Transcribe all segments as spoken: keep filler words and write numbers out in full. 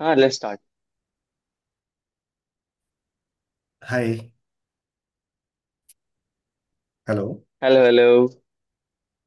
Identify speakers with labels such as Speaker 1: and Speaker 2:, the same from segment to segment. Speaker 1: हाँ, let's start.
Speaker 2: Hi. Hello.
Speaker 1: Hello hello.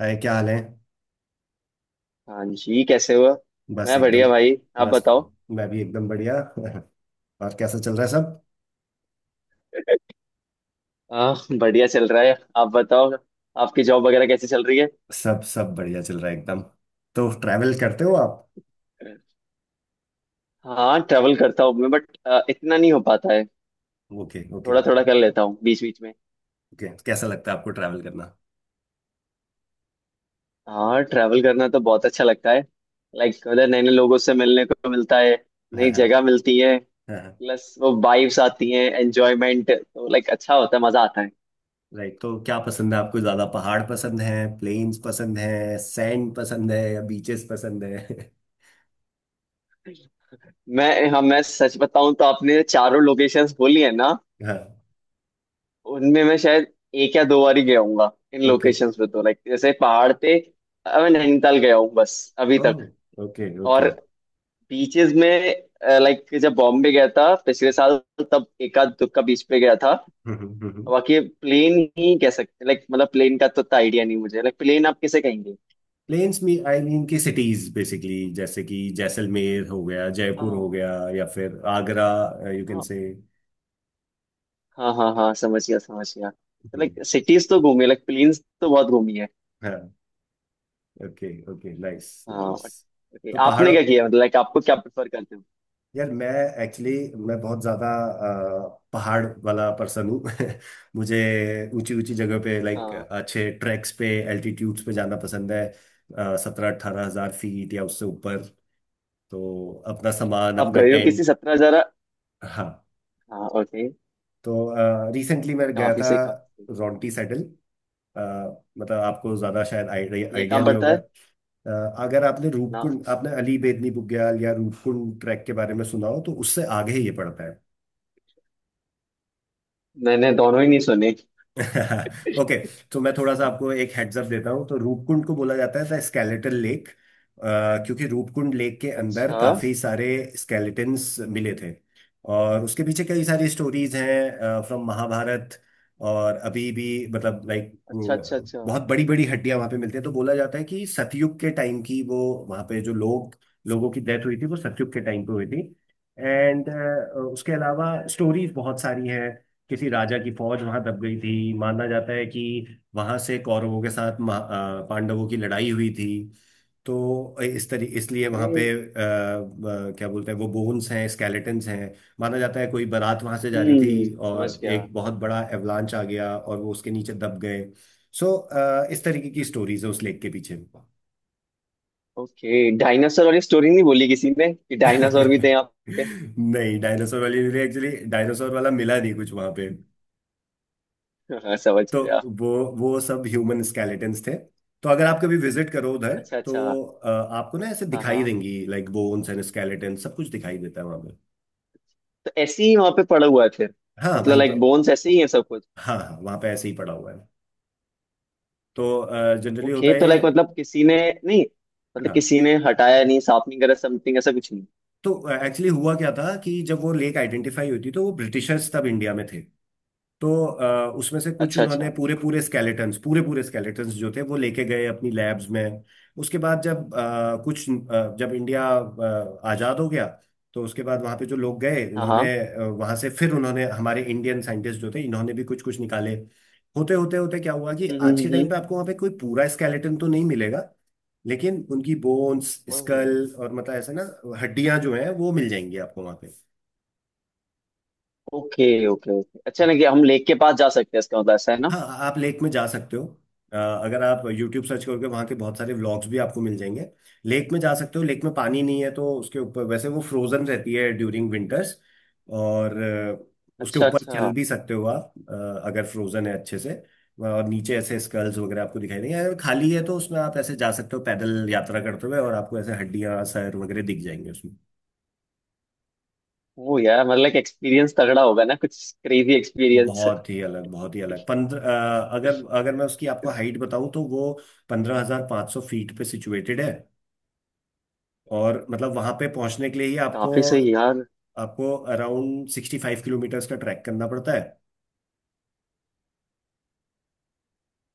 Speaker 2: Hi, क्या हाल है?
Speaker 1: हाँ जी, कैसे हुआ।
Speaker 2: बस
Speaker 1: मैं
Speaker 2: एकदम।
Speaker 1: बढ़िया भाई, आप
Speaker 2: बस
Speaker 1: बताओ।
Speaker 2: मैं भी एकदम बढ़िया। और कैसा चल रहा है सब?
Speaker 1: हाँ, बढ़िया चल रहा है, आप बताओ। आपकी जॉब वगैरह कैसी चल रही है।
Speaker 2: सब सब बढ़िया चल रहा है एकदम। तो ट्रैवल करते हो आप?
Speaker 1: हाँ, ट्रैवल करता हूँ मैं, बट इतना नहीं हो पाता है।
Speaker 2: ओके, ओके,
Speaker 1: थोड़ा थोड़ा कर लेता हूँ बीच बीच में।
Speaker 2: ओके। कैसा लगता है आपको ट्रैवल करना?
Speaker 1: हाँ, ट्रैवल करना तो बहुत अच्छा लगता है। लाइक उधर नए नए लोगों से मिलने को मिलता है।
Speaker 2: हाँ,
Speaker 1: नई
Speaker 2: हाँ।
Speaker 1: जगह मिलती है।
Speaker 2: हाँ, हाँ।
Speaker 1: प्लस वो वाइब्स आती हैं, एंजॉयमेंट तो लाइक अच्छा होता है, मजा आता है।
Speaker 2: राइट, तो क्या पसंद है आपको? ज़्यादा पहाड़ पसंद है, प्लेन्स पसंद है, सैंड पसंद है, या बीचेस पसंद है?
Speaker 1: मैं हाँ, मैं सच बताऊं तो आपने चारों लोकेशंस बोली है ना।
Speaker 2: हाँ।
Speaker 1: उनमें मैं शायद एक या दो बार ही गया हूँगा इन
Speaker 2: ओके।
Speaker 1: लोकेशंस पे। तो लाइक जैसे पहाड़ पे अ, मैं नैनीताल गया हूँ बस अभी तक।
Speaker 2: Oh, okay okay.
Speaker 1: और बीचेस में लाइक जब बॉम्बे गया था पिछले साल, तब एक आध दुक्का बीच पे गया था। बाकी प्लेन ही कह सकते। लाइक मतलब प्लेन का तो इतना आइडिया नहीं मुझे, लाइक प्लेन आप किसे कहेंगे।
Speaker 2: प्लेन्स में, आई मीन, की सिटीज बेसिकली, जैसे कि जैसलमेर हो गया, जयपुर हो
Speaker 1: हाँ
Speaker 2: गया, या फिर आगरा। यू कैन
Speaker 1: हाँ
Speaker 2: से।
Speaker 1: हाँ हाँ हाँ, समझ गया समझ गया। तो लाइक सिटीज तो घूमी, लाइक प्लेन्स तो बहुत घूमी है।
Speaker 2: हाँ। Okay okay. नाइस
Speaker 1: हाँ,
Speaker 2: नाइस।
Speaker 1: okay।
Speaker 2: तो
Speaker 1: आपने
Speaker 2: पहाड़ों...
Speaker 1: क्या किया, मतलब लाइक आपको क्या प्रेफर करते हो।
Speaker 2: यार मैं... एक्चुअली मैं बहुत ज़्यादा अ, पहाड़ वाला पर्सन हूँ। मुझे ऊंची ऊंची जगह पे, लाइक
Speaker 1: हाँ,
Speaker 2: अच्छे ट्रैक्स पे, एल्टीट्यूड्स पे जाना पसंद है। uh, सत्रह अठारह हज़ार फीट या उससे ऊपर। तो अपना सामान,
Speaker 1: आप
Speaker 2: अपना
Speaker 1: गए हो किसी
Speaker 2: टेंट।
Speaker 1: सत्रह हजार।
Speaker 2: हाँ।
Speaker 1: हाँ ओके।
Speaker 2: तो रिसेंटली मैं गया
Speaker 1: काफी
Speaker 2: था
Speaker 1: से काफी।
Speaker 2: रॉन्टी सेटल। मतलब आपको ज़्यादा शायद
Speaker 1: ये
Speaker 2: आइडिया
Speaker 1: कहाँ
Speaker 2: नहीं
Speaker 1: पड़ता
Speaker 2: होगा।
Speaker 1: है।
Speaker 2: अ, अगर आपने
Speaker 1: ना,
Speaker 2: रूपकुंड... आपने अली बेदनी बुग्याल या रूपकुंड ट्रैक के बारे में सुना हो, तो उससे आगे ही ये पड़ता है।
Speaker 1: मैंने दोनों ही नहीं सुने।
Speaker 2: ओके। तो मैं थोड़ा सा आपको एक हेड्स अप देता हूँ। तो रूपकुंड को बोला जाता है द स्केलेटल लेक, क्योंकि रूपकुंड लेक के अंदर
Speaker 1: अच्छा
Speaker 2: काफी सारे स्केलेटन्स मिले थे। और उसके पीछे कई सारी स्टोरीज हैं फ्रॉम महाभारत। और अभी भी मतलब लाइक
Speaker 1: अच्छा अच्छा। अच्छा।
Speaker 2: बहुत बड़ी बड़ी हड्डियां वहां पे मिलती है। तो बोला जाता है कि सतयुग के टाइम की वो... वहां पे जो लोग... लोगों की डेथ हुई थी वो सतयुग के टाइम पे हुई थी। एंड उसके अलावा स्टोरीज बहुत सारी हैं। किसी राजा की फौज वहां दब गई थी। माना जाता है कि वहां से कौरवों के साथ महा- अ, पांडवों की लड़ाई हुई थी। तो इस तरी इसलिए वहां
Speaker 1: अरे।
Speaker 2: पे अ, अ, क्या बोलते हैं वो, बोन्स हैं, स्केलेटन्स हैं। माना जाता है कोई बारात वहां से जा रही
Speaker 1: हम्म,
Speaker 2: थी
Speaker 1: समझ
Speaker 2: और
Speaker 1: गया।
Speaker 2: एक बहुत बड़ा एवलांच आ गया और वो उसके नीचे दब गए। सो इस तरीके की स्टोरीज है उस लेक के पीछे।
Speaker 1: ओके, डायनासोर वाली स्टोरी नहीं बोली किसी ने कि डायनासोर भी थे यहाँ पे।
Speaker 2: नहीं, डायनासोर वाली... एक्चुअली डायनासोर वाला मिला नहीं कुछ वहां पे।
Speaker 1: हाँ, समझ
Speaker 2: तो
Speaker 1: गया।
Speaker 2: वो वो सब ह्यूमन
Speaker 1: हम्म।
Speaker 2: स्केलेटन्स थे। तो अगर आप कभी विजिट करो उधर
Speaker 1: अच्छा अच्छा।
Speaker 2: तो अ, आपको ना ऐसे
Speaker 1: हाँ
Speaker 2: दिखाई
Speaker 1: हाँ,
Speaker 2: देंगी, लाइक बोन्स एंड स्केलेटन सब कुछ दिखाई देता है वहां पे।
Speaker 1: तो ऐसे ही वहां पे पड़ा हुआ है फिर।
Speaker 2: हाँ,
Speaker 1: मतलब
Speaker 2: वहीं पर।
Speaker 1: लाइक बोन्स ऐसे ही है सब कुछ।
Speaker 2: हाँ, हाँ, वहां पे ऐसे ही पड़ा हुआ है। तो जनरली होता
Speaker 1: ओके
Speaker 2: है
Speaker 1: तो
Speaker 2: ये।
Speaker 1: लाइक मतलब किसी ने, नहीं, मतलब
Speaker 2: हाँ।
Speaker 1: किसी ने हटाया नहीं, साफ नहीं करा, समथिंग ऐसा कुछ नहीं।
Speaker 2: तो एक्चुअली हुआ क्या था कि जब वो लेक आइडेंटिफाई हुई थी, तो वो ब्रिटिशर्स तब इंडिया में थे। तो अ, उसमें से कुछ
Speaker 1: अच्छा अच्छा।
Speaker 2: उन्होंने पूरे पूरे स्केलेटन्स पूरे पूरे स्केलेटन्स जो थे वो लेके गए अपनी लैब्स में। उसके बाद जब अ, कुछ अ, जब इंडिया अ, आज़ाद हो गया, तो उसके बाद वहाँ पे जो लोग गए
Speaker 1: हाँ हाँ।
Speaker 2: उन्होंने अ, वहाँ से, फिर उन्होंने, हमारे इंडियन साइंटिस्ट जो थे इन्होंने भी कुछ कुछ निकाले। होते होते होते क्या हुआ कि
Speaker 1: हम्म
Speaker 2: आज के टाइम
Speaker 1: हम्म
Speaker 2: पे आपको वहाँ पे कोई पूरा स्केलेटन तो नहीं मिलेगा, लेकिन उनकी बोन्स,
Speaker 1: हम्म
Speaker 2: स्कल
Speaker 1: हम्म।
Speaker 2: और मतलब ऐसे ना हड्डियां जो हैं वो मिल जाएंगी आपको वहाँ पे।
Speaker 1: ओके ओके ओके, अच्छा ना कि हम लेक के पास जा सकते हैं, इसका मतलब ऐसा है ना।
Speaker 2: हाँ। आप लेक में जा सकते हो। अ, अगर आप YouTube सर्च करोगे, वहाँ के बहुत सारे व्लॉग्स भी आपको मिल जाएंगे। लेक में जा सकते हो। लेक में पानी नहीं है तो उसके ऊपर वैसे वो फ्रोजन रहती है ड्यूरिंग विंटर्स। और अ, उसके
Speaker 1: अच्छा
Speaker 2: ऊपर चल
Speaker 1: अच्छा।
Speaker 2: भी सकते हो आप, अ, अगर फ्रोजन है अच्छे से। और नीचे ऐसे स्कल्स वगैरह आपको दिखाई देंगे, अगर खाली है तो उसमें आप ऐसे जा सकते हो पैदल यात्रा करते हुए, और आपको ऐसे हड्डियाँ सर वगैरह दिख जाएंगे।
Speaker 1: वो यार मतलब लाइक एक्सपीरियंस तगड़ा होगा ना, कुछ क्रेजी एक्सपीरियंस।
Speaker 2: बहुत ही अलग, बहुत ही अलग। पंद्रह... अगर अगर मैं उसकी आपको हाइट बताऊं तो वो पंद्रह हजार पाँच सौ फीट पे सिचुएटेड है। और मतलब वहां पे पहुंचने के लिए ही आपको...
Speaker 1: काफी सही यार।
Speaker 2: आपको अराउंड सिक्सटी फाइव किलोमीटर्स का ट्रैक करना पड़ता है।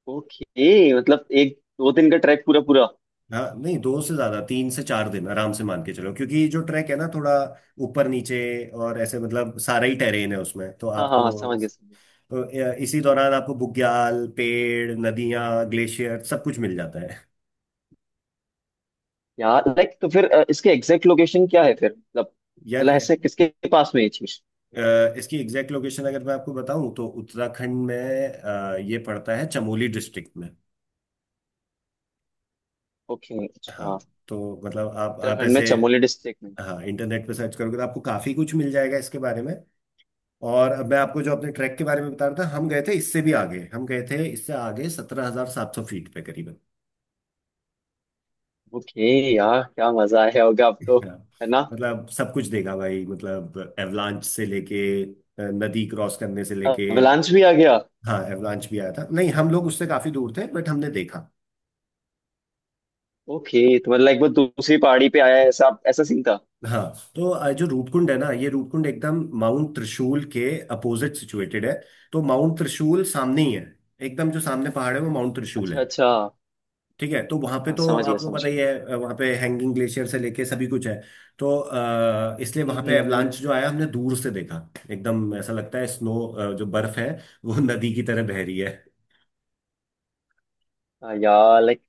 Speaker 1: ओके मतलब एक दो दिन का ट्रैक पूरा पूरा।
Speaker 2: हाँ नहीं, दो से ज्यादा, तीन से चार दिन आराम से मान के चलो, क्योंकि जो ट्रैक है ना थोड़ा ऊपर नीचे, और ऐसे मतलब सारा ही टेरेन है उसमें तो
Speaker 1: हाँ हाँ
Speaker 2: आपको...
Speaker 1: हाँ, समझ गया समझ गया।
Speaker 2: तो अ, इसी दौरान आपको बुग्याल, पेड़, नदियां, ग्लेशियर सब कुछ मिल जाता है।
Speaker 1: यार लाइक तो फिर अ, इसके एग्जैक्ट लोकेशन क्या है फिर। मतलब
Speaker 2: यार
Speaker 1: मतलब ऐसे किसके पास में ये चीज।
Speaker 2: अ, इसकी एग्जैक्ट लोकेशन अगर मैं आपको बताऊं तो उत्तराखंड में, अ, ये पड़ता है चमोली डिस्ट्रिक्ट में।
Speaker 1: ओके
Speaker 2: हाँ।
Speaker 1: अच्छा।
Speaker 2: तो मतलब आप आप
Speaker 1: उत्तराखंड में
Speaker 2: ऐसे...
Speaker 1: चमोली डिस्ट्रिक्ट में।
Speaker 2: हाँ, इंटरनेट पे सर्च करोगे तो आपको काफी कुछ मिल जाएगा इसके बारे में। और अब मैं आपको जो अपने ट्रैक के बारे में बता रहा था, हम गए थे इससे भी आगे, हम गए थे इससे आगे सत्रह हजार सात सौ फीट पे करीबन।
Speaker 1: ओके। यार क्या मजा आया होगा आपको,
Speaker 2: हाँ।
Speaker 1: है ना।
Speaker 2: मतलब सब कुछ देखा भाई, मतलब एवलांच से लेके अ, नदी क्रॉस करने से लेके।
Speaker 1: अवलांच भी आ गया।
Speaker 2: हाँ, एवलांच भी आया था। नहीं हम लोग उससे काफी दूर थे बट हमने देखा।
Speaker 1: ओके, तो मतलब लाइक वो दूसरी पहाड़ी पे आया है, ऐसा ऐसा सीन था।
Speaker 2: हाँ। तो अ, जो रूपकुंड है ना, ये रूपकुंड एकदम माउंट त्रिशूल के अपोजिट सिचुएटेड है। तो माउंट त्रिशूल सामने ही है, एकदम जो सामने पहाड़ है वो माउंट त्रिशूल
Speaker 1: अच्छा
Speaker 2: है।
Speaker 1: अच्छा।
Speaker 2: ठीक है। तो वहां पे
Speaker 1: हाँ
Speaker 2: तो
Speaker 1: समझ गया
Speaker 2: आपको
Speaker 1: समझ
Speaker 2: पता ही
Speaker 1: गया।
Speaker 2: है अ, वहां पे हैंगिंग ग्लेशियर से लेके सभी कुछ है। तो अ, इसलिए
Speaker 1: हम्म
Speaker 2: वहां पे
Speaker 1: हम्म हम्म
Speaker 2: एवलांच
Speaker 1: हम्म।
Speaker 2: जो आया हमने दूर से देखा। एकदम ऐसा लगता है स्नो जो बर्फ है, वो नदी की तरह बह रही है।
Speaker 1: हाँ यार लाइक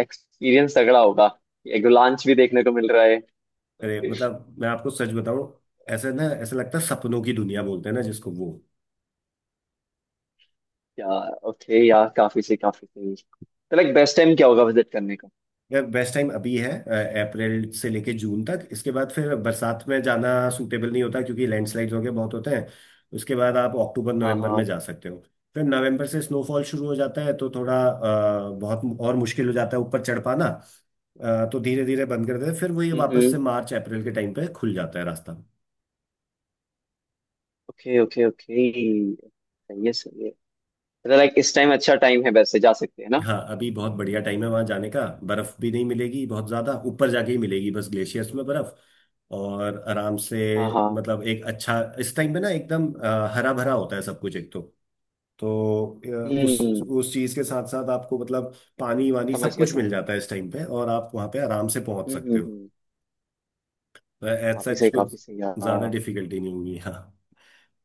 Speaker 1: एक्सपीरियंस तगड़ा होगा, एग्लांच भी देखने को मिल रहा है।
Speaker 2: अरे, मतलब मैं आपको सच बताऊं, ऐसे ना ऐसा लगता है सपनों की दुनिया बोलते हैं ना जिसको, वो।
Speaker 1: यार ओके यार काफी सही काफी सही, तो लाइक बेस्ट टाइम क्या होगा विजिट करने का।
Speaker 2: यार बेस्ट टाइम अभी है, अ, अप्रैल से लेके जून तक। इसके बाद फिर बरसात में जाना सूटेबल नहीं होता, क्योंकि लैंडस्लाइड्स वगैरह बहुत होते हैं। उसके बाद आप अक्टूबर
Speaker 1: हाँ
Speaker 2: नवंबर
Speaker 1: हाँ।
Speaker 2: में जा सकते हो। फिर नवंबर से स्नोफॉल शुरू हो जाता है, तो थोड़ा अ, बहुत और मुश्किल हो जाता है ऊपर चढ़ पाना। अ, तो धीरे धीरे बंद कर देते हैं, फिर वही वापस
Speaker 1: हम्म।
Speaker 2: से मार्च अप्रैल के टाइम पे खुल जाता है रास्ता।
Speaker 1: Okay okay okay. सही है सही है। मतलब लाइक इस टाइम अच्छा टाइम है, वैसे जा सकते हैं ना।
Speaker 2: हाँ, अभी बहुत बढ़िया टाइम है वहां जाने का। बर्फ भी नहीं मिलेगी, बहुत ज्यादा ऊपर जाके ही मिलेगी बस, ग्लेशियर्स में बर्फ। और आराम से,
Speaker 1: हाँ हाँ।
Speaker 2: मतलब एक अच्छा... इस टाइम पे ना एकदम हरा भरा होता है सब कुछ एक तो। तो अ, उस
Speaker 1: हम्म,
Speaker 2: उस चीज के साथ साथ आपको मतलब पानी वानी
Speaker 1: समझ
Speaker 2: सब
Speaker 1: गया
Speaker 2: कुछ
Speaker 1: समझ
Speaker 2: मिल
Speaker 1: गया।
Speaker 2: जाता है इस टाइम पे, और आप वहां पे आराम से पहुंच
Speaker 1: हम्म हम्म
Speaker 2: सकते हो।
Speaker 1: हम्म।
Speaker 2: एज
Speaker 1: काफी
Speaker 2: सच
Speaker 1: सही
Speaker 2: कुछ
Speaker 1: काफी सही
Speaker 2: ज्यादा
Speaker 1: यार।
Speaker 2: डिफिकल्टी नहीं होगी। हाँ।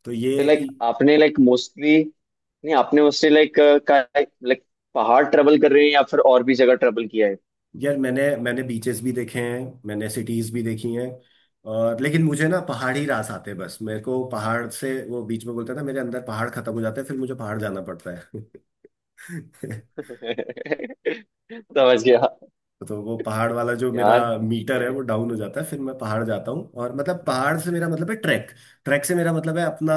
Speaker 2: तो ये...
Speaker 1: तो लाइक आपने लाइक मोस्टली, नहीं, आपने मोस्टली लाइक का लाइक पहाड़ ट्रेवल कर रहे हैं, या फिर और भी जगह ट्रेवल किया है।
Speaker 2: यार मैंने मैंने बीचेस भी देखे हैं, मैंने सिटीज भी देखी हैं। और लेकिन मुझे ना पहाड़ी रास आते हैं बस। मेरे को पहाड़ से वो बीच में बोलता है ना, मेरे अंदर पहाड़ खत्म हो जाते हैं फिर मुझे पहाड़ जाना पड़ता है।
Speaker 1: समझ गया।
Speaker 2: तो वो पहाड़ वाला जो मेरा
Speaker 1: यार okay,
Speaker 2: मीटर है
Speaker 1: okay।
Speaker 2: वो डाउन हो जाता है, फिर मैं पहाड़ जाता हूँ। और मतलब पहाड़ से मेरा मतलब है ट्रैक। ट्रैक से मेरा मतलब है अपना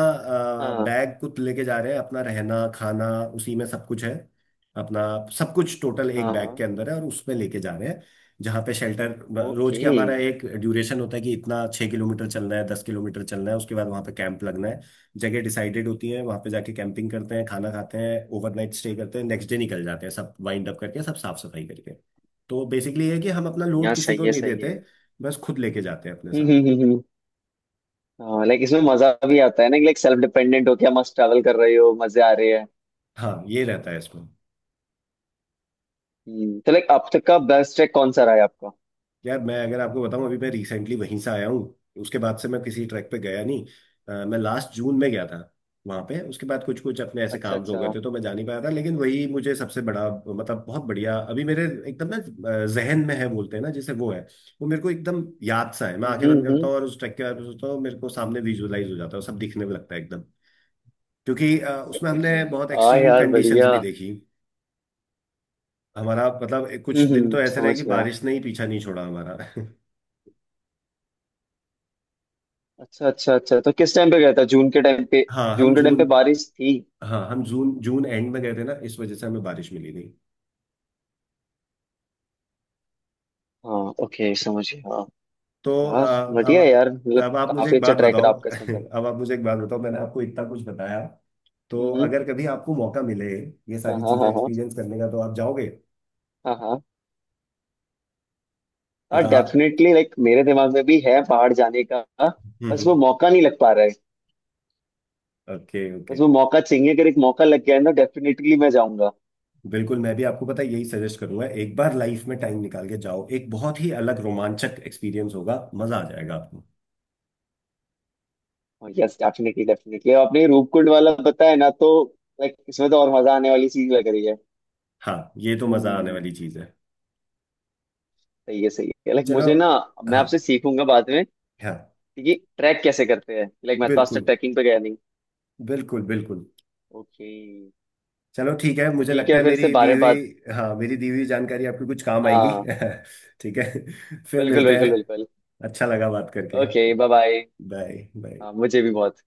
Speaker 1: हाँ
Speaker 2: बैग कुछ लेके जा रहे हैं, अपना रहना खाना उसी में सब कुछ है। अपना सब कुछ टोटल एक
Speaker 1: हाँ
Speaker 2: बैग
Speaker 1: हाँ।
Speaker 2: के अंदर है और उसमें लेके जा रहे हैं। जहाँ पे शेल्टर... रोज
Speaker 1: ओके
Speaker 2: के हमारा एक ड्यूरेशन होता है कि इतना छः किलोमीटर चलना है, दस किलोमीटर चलना है, उसके बाद वहाँ पे कैंप लगना है। जगह डिसाइडेड होती है, वहाँ पे जाके कैंपिंग करते हैं, खाना खाते हैं, ओवरनाइट स्टे करते हैं, नेक्स्ट डे निकल जाते हैं सब वाइंड अप करके, सब साफ सफाई करके। तो बेसिकली है कि हम अपना लोड
Speaker 1: यार
Speaker 2: किसी
Speaker 1: सही
Speaker 2: को
Speaker 1: है
Speaker 2: नहीं
Speaker 1: सही
Speaker 2: देते,
Speaker 1: है।
Speaker 2: बस खुद लेके जाते हैं अपने
Speaker 1: हम्म
Speaker 2: साथ।
Speaker 1: हम्म हम्म हम्म। हाँ लाइक इसमें मजा भी आता है ना, लाइक सेल्फ डिपेंडेंट हो, क्या मस्त ट्रैवल कर रहे हो, मजे आ रहे हैं।
Speaker 2: हाँ, ये रहता है इसमें।
Speaker 1: हम्म, तो लाइक अब तक का बेस्ट ट्रैक कौन सा रहा है आपका।
Speaker 2: यार मैं अगर आपको बताऊं, अभी मैं रिसेंटली वहीं से आया हूँ, उसके बाद से मैं किसी ट्रैक पे गया नहीं। अ, मैं लास्ट जून में गया था वहां पे, उसके बाद कुछ कुछ अपने ऐसे
Speaker 1: अच्छा
Speaker 2: काम हो गए
Speaker 1: अच्छा।
Speaker 2: थे तो मैं जा नहीं पाया था। लेकिन वही मुझे सबसे बड़ा, मतलब बहुत बढ़िया, अभी मेरे एकदम ना जहन में है, बोलते हैं ना जैसे, वो है। वो मेरे को एकदम याद सा है। मैं
Speaker 1: हम्म
Speaker 2: आंखें बंद
Speaker 1: हम्म
Speaker 2: करता
Speaker 1: हम्म।
Speaker 2: हूँ और उस ट्रैक के बारे में सोचता हूँ, मेरे को सामने विजुअलाइज हो जाता है, और सब दिखने में लगता है एकदम। क्योंकि अ, उसमें हमने बहुत
Speaker 1: हाँ
Speaker 2: एक्सट्रीम
Speaker 1: यार
Speaker 2: कंडीशंस
Speaker 1: बढ़िया।
Speaker 2: भी देखी। हमारा मतलब
Speaker 1: हम्म
Speaker 2: कुछ दिन तो
Speaker 1: हम्म,
Speaker 2: ऐसे रहे
Speaker 1: समझ
Speaker 2: कि
Speaker 1: गया।
Speaker 2: बारिश ने ही पीछा नहीं छोड़ा हमारा।
Speaker 1: अच्छा अच्छा अच्छा, तो किस टाइम पे गया था, जून के टाइम पे।
Speaker 2: हाँ, हम
Speaker 1: जून के टाइम
Speaker 2: जून...
Speaker 1: पे बारिश थी।
Speaker 2: हाँ, हम जून जून एंड में गए थे ना, इस वजह से हमें बारिश मिली नहीं।
Speaker 1: हाँ ओके समझ गया हाँ।
Speaker 2: तो अ,
Speaker 1: यार
Speaker 2: अब
Speaker 1: बढ़िया है यार, मतलब
Speaker 2: अब आप मुझे
Speaker 1: काफी
Speaker 2: एक
Speaker 1: अच्छा
Speaker 2: बात
Speaker 1: ट्रैक है
Speaker 2: बताओ।
Speaker 1: आपका, इसका मतलब।
Speaker 2: अब आप मुझे एक बात बताओ, मैंने आपको इतना कुछ बताया, तो
Speaker 1: हम्म
Speaker 2: अगर कभी आपको
Speaker 1: हम्म।
Speaker 2: मौका मिले ये
Speaker 1: हाँ
Speaker 2: सारी
Speaker 1: हाँ
Speaker 2: चीजें
Speaker 1: हाँ हाँ
Speaker 2: एक्सपीरियंस करने का, तो आप जाओगे?
Speaker 1: हाँ हाँ। हाँ
Speaker 2: मतलब आप...
Speaker 1: डेफिनेटली, लाइक मेरे दिमाग में भी है पहाड़ जाने का। बस
Speaker 2: हम्म।
Speaker 1: वो मौका नहीं लग पा रहा है।
Speaker 2: ओके
Speaker 1: बस
Speaker 2: ओके।
Speaker 1: वो मौका चाहिए, अगर एक मौका लग गया है ना डेफिनेटली मैं जाऊंगा।
Speaker 2: बिल्कुल, मैं भी आपको पता है यही सजेस्ट करूंगा, एक बार लाइफ में टाइम निकाल के जाओ, एक बहुत ही अलग रोमांचक एक्सपीरियंस होगा, मजा आ जाएगा आपको।
Speaker 1: यस डेफिनेटली डेफिनेटली, आपने ये रूपकुंड वाला बताया ना, तो लाइक इसमें तो और मजा आने वाली चीज लग रही है।
Speaker 2: हाँ, ये तो मजा आने
Speaker 1: हम्म।
Speaker 2: वाली चीज है।
Speaker 1: सही है सही है, लाइक
Speaker 2: चलो।
Speaker 1: मुझे ना, मैं
Speaker 2: हाँ।
Speaker 1: आपसे सीखूंगा बाद में
Speaker 2: हाँ।
Speaker 1: ये ट्रैक कैसे करते हैं। लाइक मैं तो आज तक
Speaker 2: बिल्कुल,
Speaker 1: ट्रैकिंग पे गया नहीं।
Speaker 2: बिल्कुल, बिल्कुल।
Speaker 1: ओके।
Speaker 2: चलो ठीक है, मुझे
Speaker 1: ठीक
Speaker 2: लगता
Speaker 1: है,
Speaker 2: है
Speaker 1: फिर से
Speaker 2: मेरी दी
Speaker 1: बारे
Speaker 2: हुई...
Speaker 1: बात।
Speaker 2: हाँ, मेरी दी हुई जानकारी आपको कुछ काम आएगी।
Speaker 1: हाँ।
Speaker 2: ठीक है, फिर
Speaker 1: बिल्कुल
Speaker 2: मिलते हैं।
Speaker 1: बिल्कुल बिल्कुल।
Speaker 2: अच्छा लगा बात करके।
Speaker 1: Okay bye bye.
Speaker 2: Bye bye.
Speaker 1: हाँ मुझे भी बहुत